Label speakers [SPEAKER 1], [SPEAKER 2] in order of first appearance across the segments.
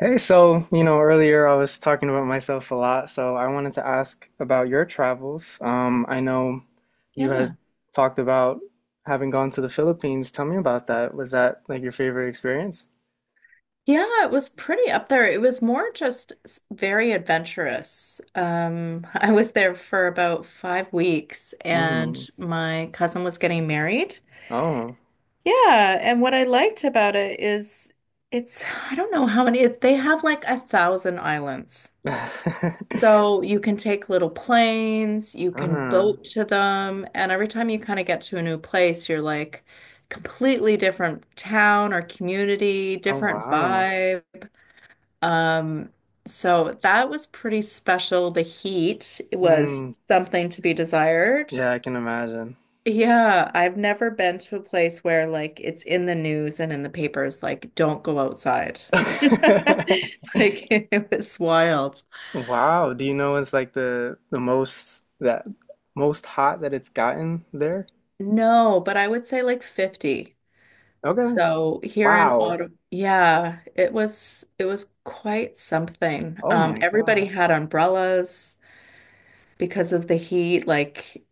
[SPEAKER 1] Hey, so, you know, earlier I was talking about myself a lot, so I wanted to ask about your travels. I know you
[SPEAKER 2] Yeah.
[SPEAKER 1] had talked about having gone to the Philippines. Tell me about that. Was that like your favorite experience?
[SPEAKER 2] Yeah, it was pretty up there. It was more just very adventurous. I was there for about 5 weeks and
[SPEAKER 1] Mm-hmm.
[SPEAKER 2] my cousin was getting married.
[SPEAKER 1] Oh.
[SPEAKER 2] Yeah, and what I liked about it is it's, I don't know how many, they have like a thousand islands. So you can take little planes, you can
[SPEAKER 1] Uh-huh.
[SPEAKER 2] boat to them, and every time you kind of get to a new place, you're like completely different town or community,
[SPEAKER 1] Oh,
[SPEAKER 2] different
[SPEAKER 1] wow.
[SPEAKER 2] vibe. Um, so that was pretty special. The heat was
[SPEAKER 1] Mm.
[SPEAKER 2] something to be desired.
[SPEAKER 1] Yeah, I can imagine.
[SPEAKER 2] Yeah, I've never been to a place where like it's in the news and in the papers, like don't go outside. Like it was wild.
[SPEAKER 1] Wow. Do you know it's like the most that most hot that it's gotten there?
[SPEAKER 2] No, but I would say like 50.
[SPEAKER 1] Okay.
[SPEAKER 2] So here in
[SPEAKER 1] Wow.
[SPEAKER 2] Ottawa, yeah, it was quite something.
[SPEAKER 1] Oh my
[SPEAKER 2] Everybody
[SPEAKER 1] God.
[SPEAKER 2] had umbrellas because of the heat. Like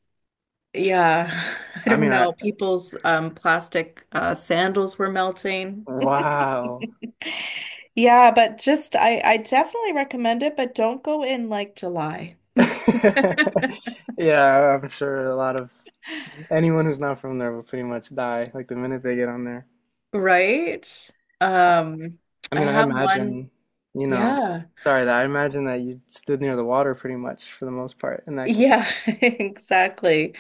[SPEAKER 2] yeah, I
[SPEAKER 1] I
[SPEAKER 2] don't
[SPEAKER 1] mean, I
[SPEAKER 2] know. People's plastic sandals were melting.
[SPEAKER 1] wow.
[SPEAKER 2] Yeah, but just I definitely recommend it, but don't go in like July.
[SPEAKER 1] Yeah, I'm sure a lot of anyone who's not from there will pretty much die like the minute they get on there.
[SPEAKER 2] Right?
[SPEAKER 1] I,
[SPEAKER 2] Um,
[SPEAKER 1] I
[SPEAKER 2] I
[SPEAKER 1] mean, I
[SPEAKER 2] have one.
[SPEAKER 1] imagine, you know,
[SPEAKER 2] Yeah.
[SPEAKER 1] sorry that I imagine that you stood near the water pretty much for the most part in that
[SPEAKER 2] Yeah,
[SPEAKER 1] case.
[SPEAKER 2] exactly.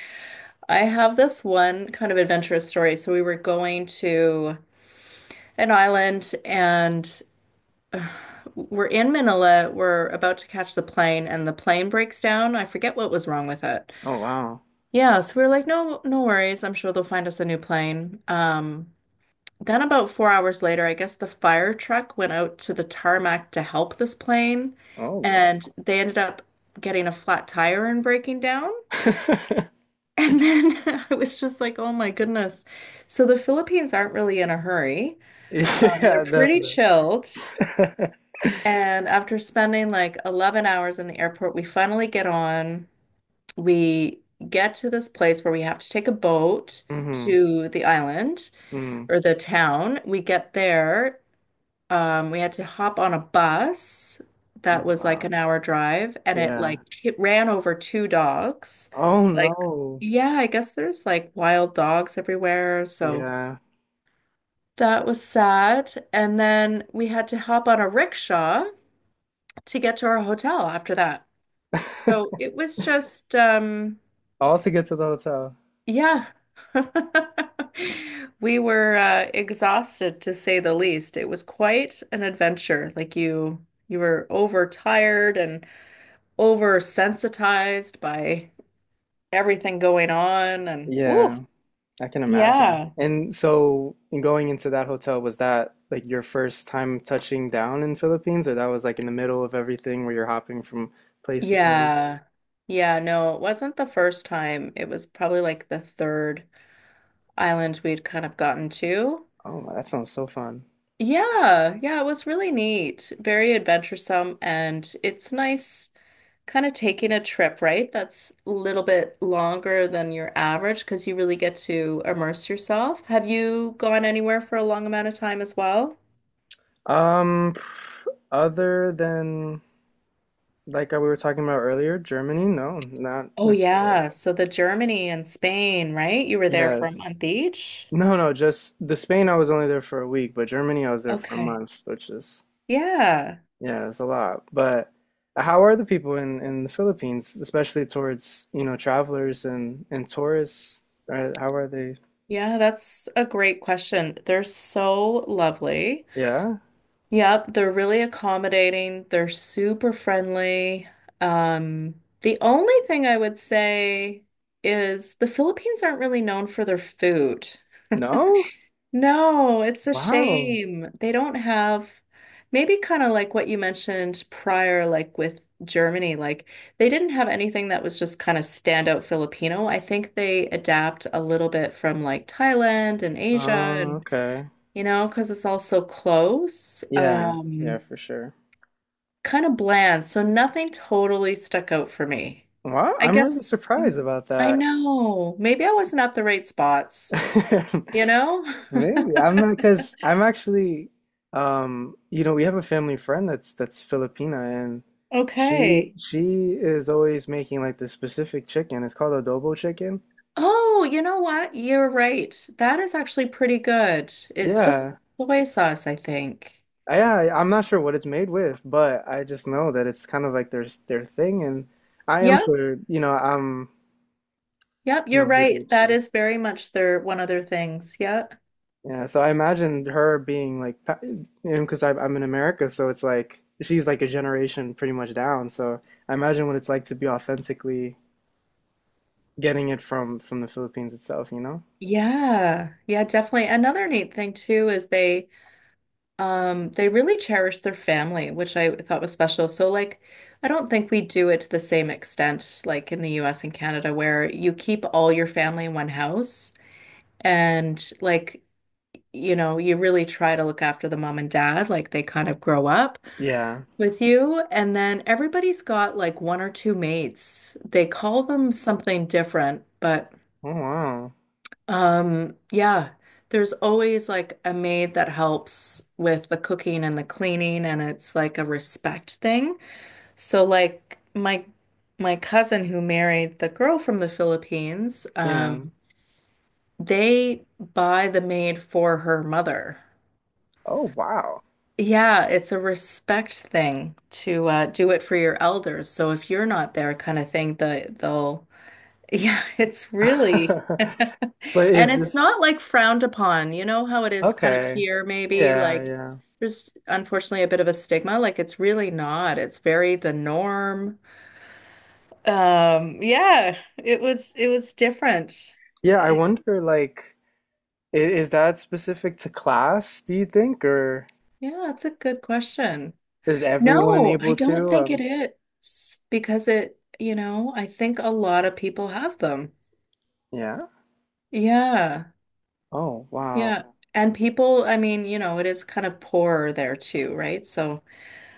[SPEAKER 2] I have this one kind of adventurous story. So we were going to an island and we're in Manila. We're about to catch the plane, and the plane breaks down. I forget what was wrong with it.
[SPEAKER 1] Oh wow.
[SPEAKER 2] Yeah, so we were like, no, no worries. I'm sure they'll find us a new plane. Then about 4 hours later, I guess the fire truck went out to the tarmac to help this plane,
[SPEAKER 1] Oh wow.
[SPEAKER 2] and they ended up getting a flat tire and breaking down. And then I was just like, oh my goodness. So the Philippines aren't really in a hurry. They're
[SPEAKER 1] Yeah,
[SPEAKER 2] pretty
[SPEAKER 1] definitely.
[SPEAKER 2] chilled. And after spending like 11 hours in the airport, we finally get on. We get to this place where we have to take a boat
[SPEAKER 1] Hmm.
[SPEAKER 2] to the island
[SPEAKER 1] Hmm.
[SPEAKER 2] or the town. We get there. We had to hop on a bus that was like
[SPEAKER 1] Wow.
[SPEAKER 2] an hour drive, and it like
[SPEAKER 1] Yeah.
[SPEAKER 2] it ran over two dogs.
[SPEAKER 1] Oh
[SPEAKER 2] Like,
[SPEAKER 1] no.
[SPEAKER 2] yeah, I guess there's like wild dogs everywhere. So
[SPEAKER 1] Yeah.
[SPEAKER 2] that was sad. And then we had to hop on a rickshaw to get to our hotel after that. So it was just,
[SPEAKER 1] All to get to the hotel.
[SPEAKER 2] yeah. We were exhausted to say the least. It was quite an adventure. Like you were overtired and oversensitized by everything going on. And ooh,
[SPEAKER 1] Yeah. I can imagine.
[SPEAKER 2] yeah,
[SPEAKER 1] And so, in going into that hotel, was that like your first time touching down in Philippines, or that was like in the middle of everything where you're hopping from place to place?
[SPEAKER 2] yeah, yeah. No, it wasn't the first time. It was probably like the third island we'd kind of gotten to.
[SPEAKER 1] Oh, that sounds so fun.
[SPEAKER 2] Yeah, yeah, it was really neat, very adventuresome, and it's nice kind of taking a trip, right? That's a little bit longer than your average because you really get to immerse yourself. Have you gone anywhere for a long amount of time as well?
[SPEAKER 1] Um, Other than like we were talking about earlier, Germany? No, not
[SPEAKER 2] Oh
[SPEAKER 1] necessarily.
[SPEAKER 2] yeah, so the Germany and Spain, right? You were there for a
[SPEAKER 1] Yes.
[SPEAKER 2] month each?
[SPEAKER 1] No, no, just the Spain, I was only there for a week, but Germany, I was there for a
[SPEAKER 2] Okay.
[SPEAKER 1] month, which is
[SPEAKER 2] Yeah.
[SPEAKER 1] yeah, it's a lot. But how are the people in the Philippines, especially towards, you know, travelers and tourists? Are, how are they?
[SPEAKER 2] Yeah, that's a great question. They're so lovely.
[SPEAKER 1] Yeah?
[SPEAKER 2] Yep, they're really accommodating. They're super friendly. The only thing I would say is the Philippines aren't really known for their food.
[SPEAKER 1] No?
[SPEAKER 2] No, it's a
[SPEAKER 1] Wow.
[SPEAKER 2] shame. They don't have maybe kind of like what you mentioned prior, like with Germany, like they didn't have anything that was just kind of standout Filipino. I think they adapt a little bit from like Thailand and Asia
[SPEAKER 1] Oh,
[SPEAKER 2] and
[SPEAKER 1] okay.
[SPEAKER 2] you know, because it's all so close.
[SPEAKER 1] Yeah. Yeah, for sure.
[SPEAKER 2] Kind of bland, so nothing totally stuck out for me.
[SPEAKER 1] Wow,
[SPEAKER 2] I
[SPEAKER 1] I'm really
[SPEAKER 2] guess mm,
[SPEAKER 1] surprised about
[SPEAKER 2] I
[SPEAKER 1] that.
[SPEAKER 2] know. Maybe I wasn't at the right spots, you know?
[SPEAKER 1] Maybe. I'm not because 'cause I'm actually you know, we have a family friend that's Filipina, and she
[SPEAKER 2] Okay.
[SPEAKER 1] she is always making like this specific chicken. It's called adobo chicken.
[SPEAKER 2] Oh, you know what? You're right. That is actually pretty good. It's with
[SPEAKER 1] Yeah.
[SPEAKER 2] soy sauce, I think.
[SPEAKER 1] Yeah, yeah, I'm not sure what it's made with, but I just know that it's kind of like their thing, and I am
[SPEAKER 2] Yep.
[SPEAKER 1] sure, you know, I'm,
[SPEAKER 2] Yep,
[SPEAKER 1] you
[SPEAKER 2] you're
[SPEAKER 1] know, maybe
[SPEAKER 2] right.
[SPEAKER 1] it's
[SPEAKER 2] That is
[SPEAKER 1] just,
[SPEAKER 2] very much their one of their things. Yeah.
[SPEAKER 1] yeah. So I imagine her being like, you know, because I'm in America, so it's like she's like a generation pretty much down. So I imagine what it's like to be authentically getting it from the Philippines itself, you know?
[SPEAKER 2] Yeah. Yeah, definitely. Another neat thing too is they really cherish their family, which I thought was special. So, like, I don't think we do it to the same extent, like in the US and Canada, where you keep all your family in one house and, like, you know, you really try to look after the mom and dad, like, they kind of grow up
[SPEAKER 1] Yeah.
[SPEAKER 2] with you. And then everybody's got like one or two mates. They call them something different, but
[SPEAKER 1] Oh wow.
[SPEAKER 2] yeah, there's always like a maid that helps with the cooking and the cleaning, and it's like a respect thing. So like my cousin who married the girl from the Philippines,
[SPEAKER 1] Yeah.
[SPEAKER 2] they buy the maid for her mother.
[SPEAKER 1] Oh wow.
[SPEAKER 2] Yeah, it's a respect thing to do it for your elders. So if you're not there, kind of thing, they'll yeah, it's really, and
[SPEAKER 1] But is
[SPEAKER 2] it's
[SPEAKER 1] this
[SPEAKER 2] not like frowned upon. You know how it is kind of
[SPEAKER 1] okay?
[SPEAKER 2] here, maybe
[SPEAKER 1] Yeah,
[SPEAKER 2] like
[SPEAKER 1] yeah.
[SPEAKER 2] there's unfortunately a bit of a stigma. Like it's really not. It's very the norm. Yeah, it was different.
[SPEAKER 1] Yeah, I
[SPEAKER 2] Eh,
[SPEAKER 1] wonder like Is that specific to class, do you think, or
[SPEAKER 2] yeah, it's a good question.
[SPEAKER 1] is everyone
[SPEAKER 2] No, I
[SPEAKER 1] able
[SPEAKER 2] don't
[SPEAKER 1] to?
[SPEAKER 2] think it is because it, you know, I think a lot of people have them.
[SPEAKER 1] Yeah.
[SPEAKER 2] Yeah.
[SPEAKER 1] Oh, wow.
[SPEAKER 2] Yeah. And people, I mean, you know, it is kind of poorer there too, right? So,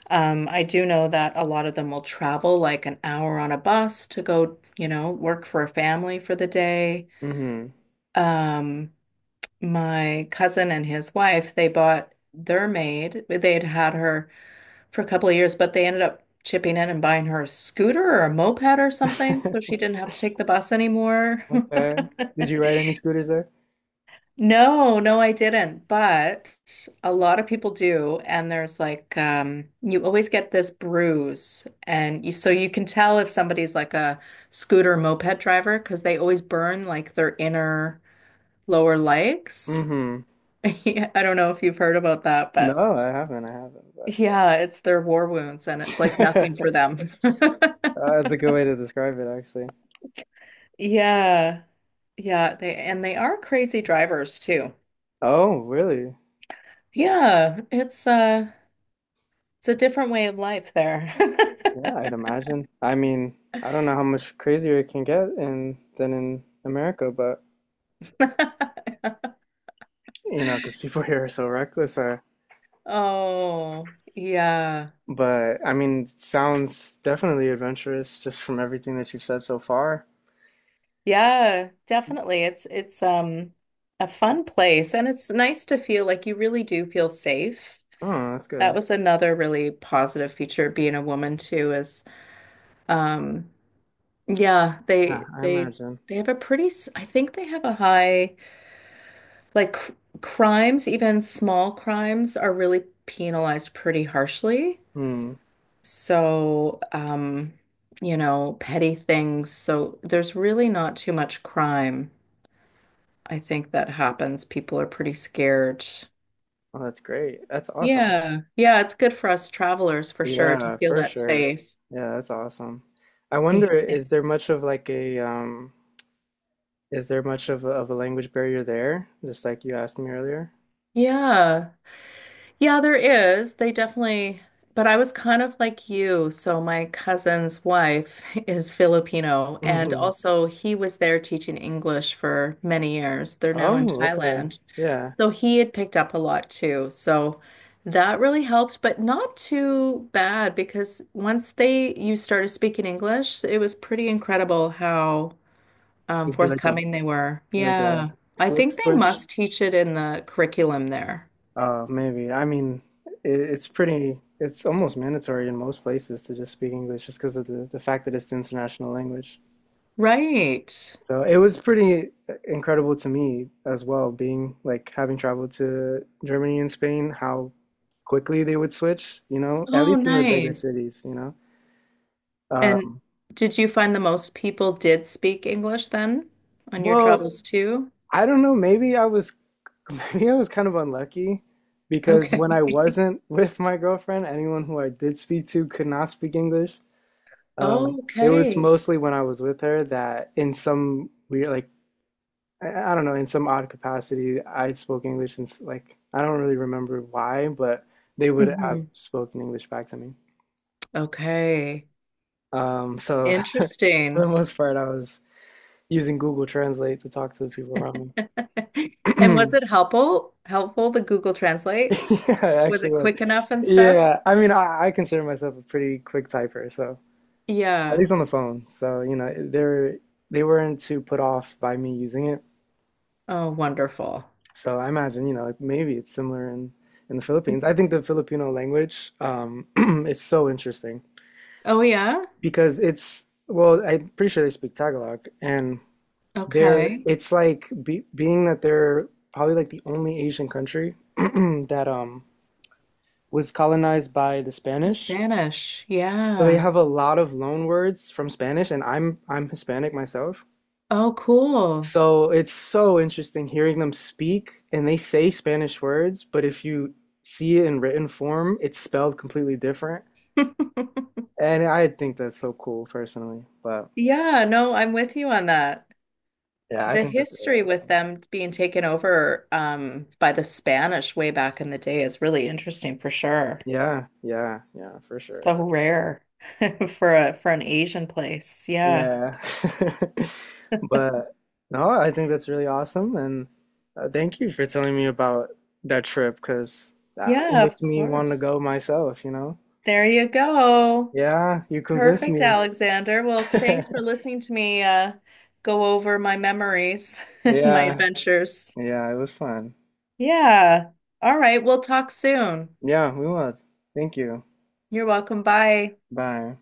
[SPEAKER 2] I do know that a lot of them will travel like an hour on a bus to go, you know, work for a family for the day. Um, my cousin and his wife, they bought their maid. They'd had her for a couple of years, but they ended up chipping in and buying her a scooter or a moped or something,
[SPEAKER 1] Mm-hmm.
[SPEAKER 2] so she didn't have to take the bus anymore.
[SPEAKER 1] Okay. Did you ride any scooters there?
[SPEAKER 2] No, no, I didn't. But a lot of people do, and there's like you always get this bruise and you so you can tell if somebody's like a scooter moped driver because they always burn like their inner lower legs.
[SPEAKER 1] Mm-hmm.
[SPEAKER 2] Yeah, I don't know if you've heard about that, but
[SPEAKER 1] No, I haven't. I
[SPEAKER 2] yeah, it's their war wounds and it's like
[SPEAKER 1] haven't,
[SPEAKER 2] nothing
[SPEAKER 1] but
[SPEAKER 2] for them.
[SPEAKER 1] uh, that's a good way to describe it, actually.
[SPEAKER 2] Yeah. Yeah, they and they are crazy drivers too.
[SPEAKER 1] Oh, really?
[SPEAKER 2] Yeah, it's it's a different way of life there.
[SPEAKER 1] Yeah, I'd imagine. I mean, I don't know how much crazier it can get in than in America, but you know, because people here are so reckless, I
[SPEAKER 2] Oh, yeah.
[SPEAKER 1] but I mean, sounds definitely adventurous just from everything that you've said so far.
[SPEAKER 2] Yeah, definitely. It's a fun place and it's nice to feel like you really do feel safe.
[SPEAKER 1] Oh, that's
[SPEAKER 2] That
[SPEAKER 1] good.
[SPEAKER 2] was another really positive feature of being a woman too is um yeah,
[SPEAKER 1] Yeah,
[SPEAKER 2] they
[SPEAKER 1] I
[SPEAKER 2] they
[SPEAKER 1] imagine.
[SPEAKER 2] they have a pretty I think they have a high like cr crimes, even small crimes are really penalized pretty harshly.
[SPEAKER 1] Hmm.
[SPEAKER 2] So, you know, petty things. So there's really not too much crime. I think that happens. People are pretty scared.
[SPEAKER 1] Oh, that's great. That's awesome.
[SPEAKER 2] Yeah. Yeah, it's good for us travelers for sure to
[SPEAKER 1] Yeah,
[SPEAKER 2] feel
[SPEAKER 1] for
[SPEAKER 2] that
[SPEAKER 1] sure.
[SPEAKER 2] safe.
[SPEAKER 1] Yeah, that's awesome. I wonder, is there much of like a is there much of a language barrier there? Just like you asked me earlier.
[SPEAKER 2] Yeah. Yeah, there is. They definitely, but I was kind of like you. So my cousin's wife is Filipino, and
[SPEAKER 1] Mm-hmm.
[SPEAKER 2] also he was there teaching English for many years. They're now in
[SPEAKER 1] Oh, okay.
[SPEAKER 2] Thailand.
[SPEAKER 1] Yeah.
[SPEAKER 2] So he had picked up a lot too. So that really helped, but not too bad because once they you started speaking English, it was pretty incredible how
[SPEAKER 1] It'd be like a
[SPEAKER 2] forthcoming they were.
[SPEAKER 1] like a
[SPEAKER 2] Yeah. I
[SPEAKER 1] flip
[SPEAKER 2] think they
[SPEAKER 1] switch.
[SPEAKER 2] must teach it in the curriculum there.
[SPEAKER 1] Maybe. I mean, it, it's pretty, it's almost mandatory in most places to just speak English just because of the fact that it's the international language.
[SPEAKER 2] Right.
[SPEAKER 1] So it was pretty incredible to me as well, being like having traveled to Germany and Spain, how quickly they would switch, you know, at
[SPEAKER 2] Oh,
[SPEAKER 1] least in the bigger
[SPEAKER 2] nice.
[SPEAKER 1] cities, you know.
[SPEAKER 2] And
[SPEAKER 1] Um,
[SPEAKER 2] did you find the most people did speak English then on your
[SPEAKER 1] well,
[SPEAKER 2] travels too?
[SPEAKER 1] I don't know, maybe I was maybe I was kind of unlucky because when I
[SPEAKER 2] Okay.
[SPEAKER 1] wasn't with my girlfriend, anyone who I did speak to could not speak English. It was
[SPEAKER 2] Okay.
[SPEAKER 1] mostly when I was with her that in some weird, like, I don't know, in some odd capacity, I spoke English since, like, I don't really remember why, but they would have
[SPEAKER 2] hmm
[SPEAKER 1] spoken English back to me.
[SPEAKER 2] Okay.
[SPEAKER 1] So for the
[SPEAKER 2] Interesting.
[SPEAKER 1] most part, I was using Google Translate to talk to the people around
[SPEAKER 2] And
[SPEAKER 1] me.
[SPEAKER 2] was it helpful? Helpful, the Google Translate?
[SPEAKER 1] Yeah, I
[SPEAKER 2] Was
[SPEAKER 1] actually
[SPEAKER 2] it
[SPEAKER 1] was.
[SPEAKER 2] quick enough and stuff?
[SPEAKER 1] Yeah, I mean, I consider myself a pretty quick typer, so at
[SPEAKER 2] Yeah.
[SPEAKER 1] least on the phone. So, you know, they weren't too put off by me using it.
[SPEAKER 2] Oh, wonderful.
[SPEAKER 1] So I imagine, you know, like, maybe it's similar in the Philippines. I think the Filipino language is so interesting
[SPEAKER 2] Oh, yeah.
[SPEAKER 1] because it's well, I'm pretty sure they speak Tagalog, and they're
[SPEAKER 2] Okay.
[SPEAKER 1] it's like being that they're probably like the only Asian country that was colonized by the Spanish.
[SPEAKER 2] Spanish.
[SPEAKER 1] So they
[SPEAKER 2] Yeah.
[SPEAKER 1] have a lot of loan words from Spanish, and I'm Hispanic myself,
[SPEAKER 2] Oh, cool.
[SPEAKER 1] so it's so interesting hearing them speak, and they say Spanish words, but if you see it in written form, it's spelled completely different. And I think that's so cool personally. But
[SPEAKER 2] Yeah, no, I'm with you on that.
[SPEAKER 1] yeah, I
[SPEAKER 2] The
[SPEAKER 1] think that's really
[SPEAKER 2] history with
[SPEAKER 1] awesome.
[SPEAKER 2] them being taken over by the Spanish way back in the day is really interesting for sure.
[SPEAKER 1] Yeah, yeah, yeah, for sure.
[SPEAKER 2] So rare for a for an Asian place. Yeah.
[SPEAKER 1] Yeah. But no, I think that's really awesome. And thank you for telling me about that trip because that it
[SPEAKER 2] Yeah,
[SPEAKER 1] makes
[SPEAKER 2] of
[SPEAKER 1] me want to
[SPEAKER 2] course.
[SPEAKER 1] go myself, you know?
[SPEAKER 2] There you go.
[SPEAKER 1] Yeah, you convinced
[SPEAKER 2] Perfect,
[SPEAKER 1] me.
[SPEAKER 2] Alexander. Well, thanks for listening to me go over my memories and my
[SPEAKER 1] Yeah.
[SPEAKER 2] adventures.
[SPEAKER 1] Yeah, it was fun.
[SPEAKER 2] Yeah. All right. We'll talk soon.
[SPEAKER 1] Yeah, we will. Thank you.
[SPEAKER 2] You're welcome. Bye.
[SPEAKER 1] Bye.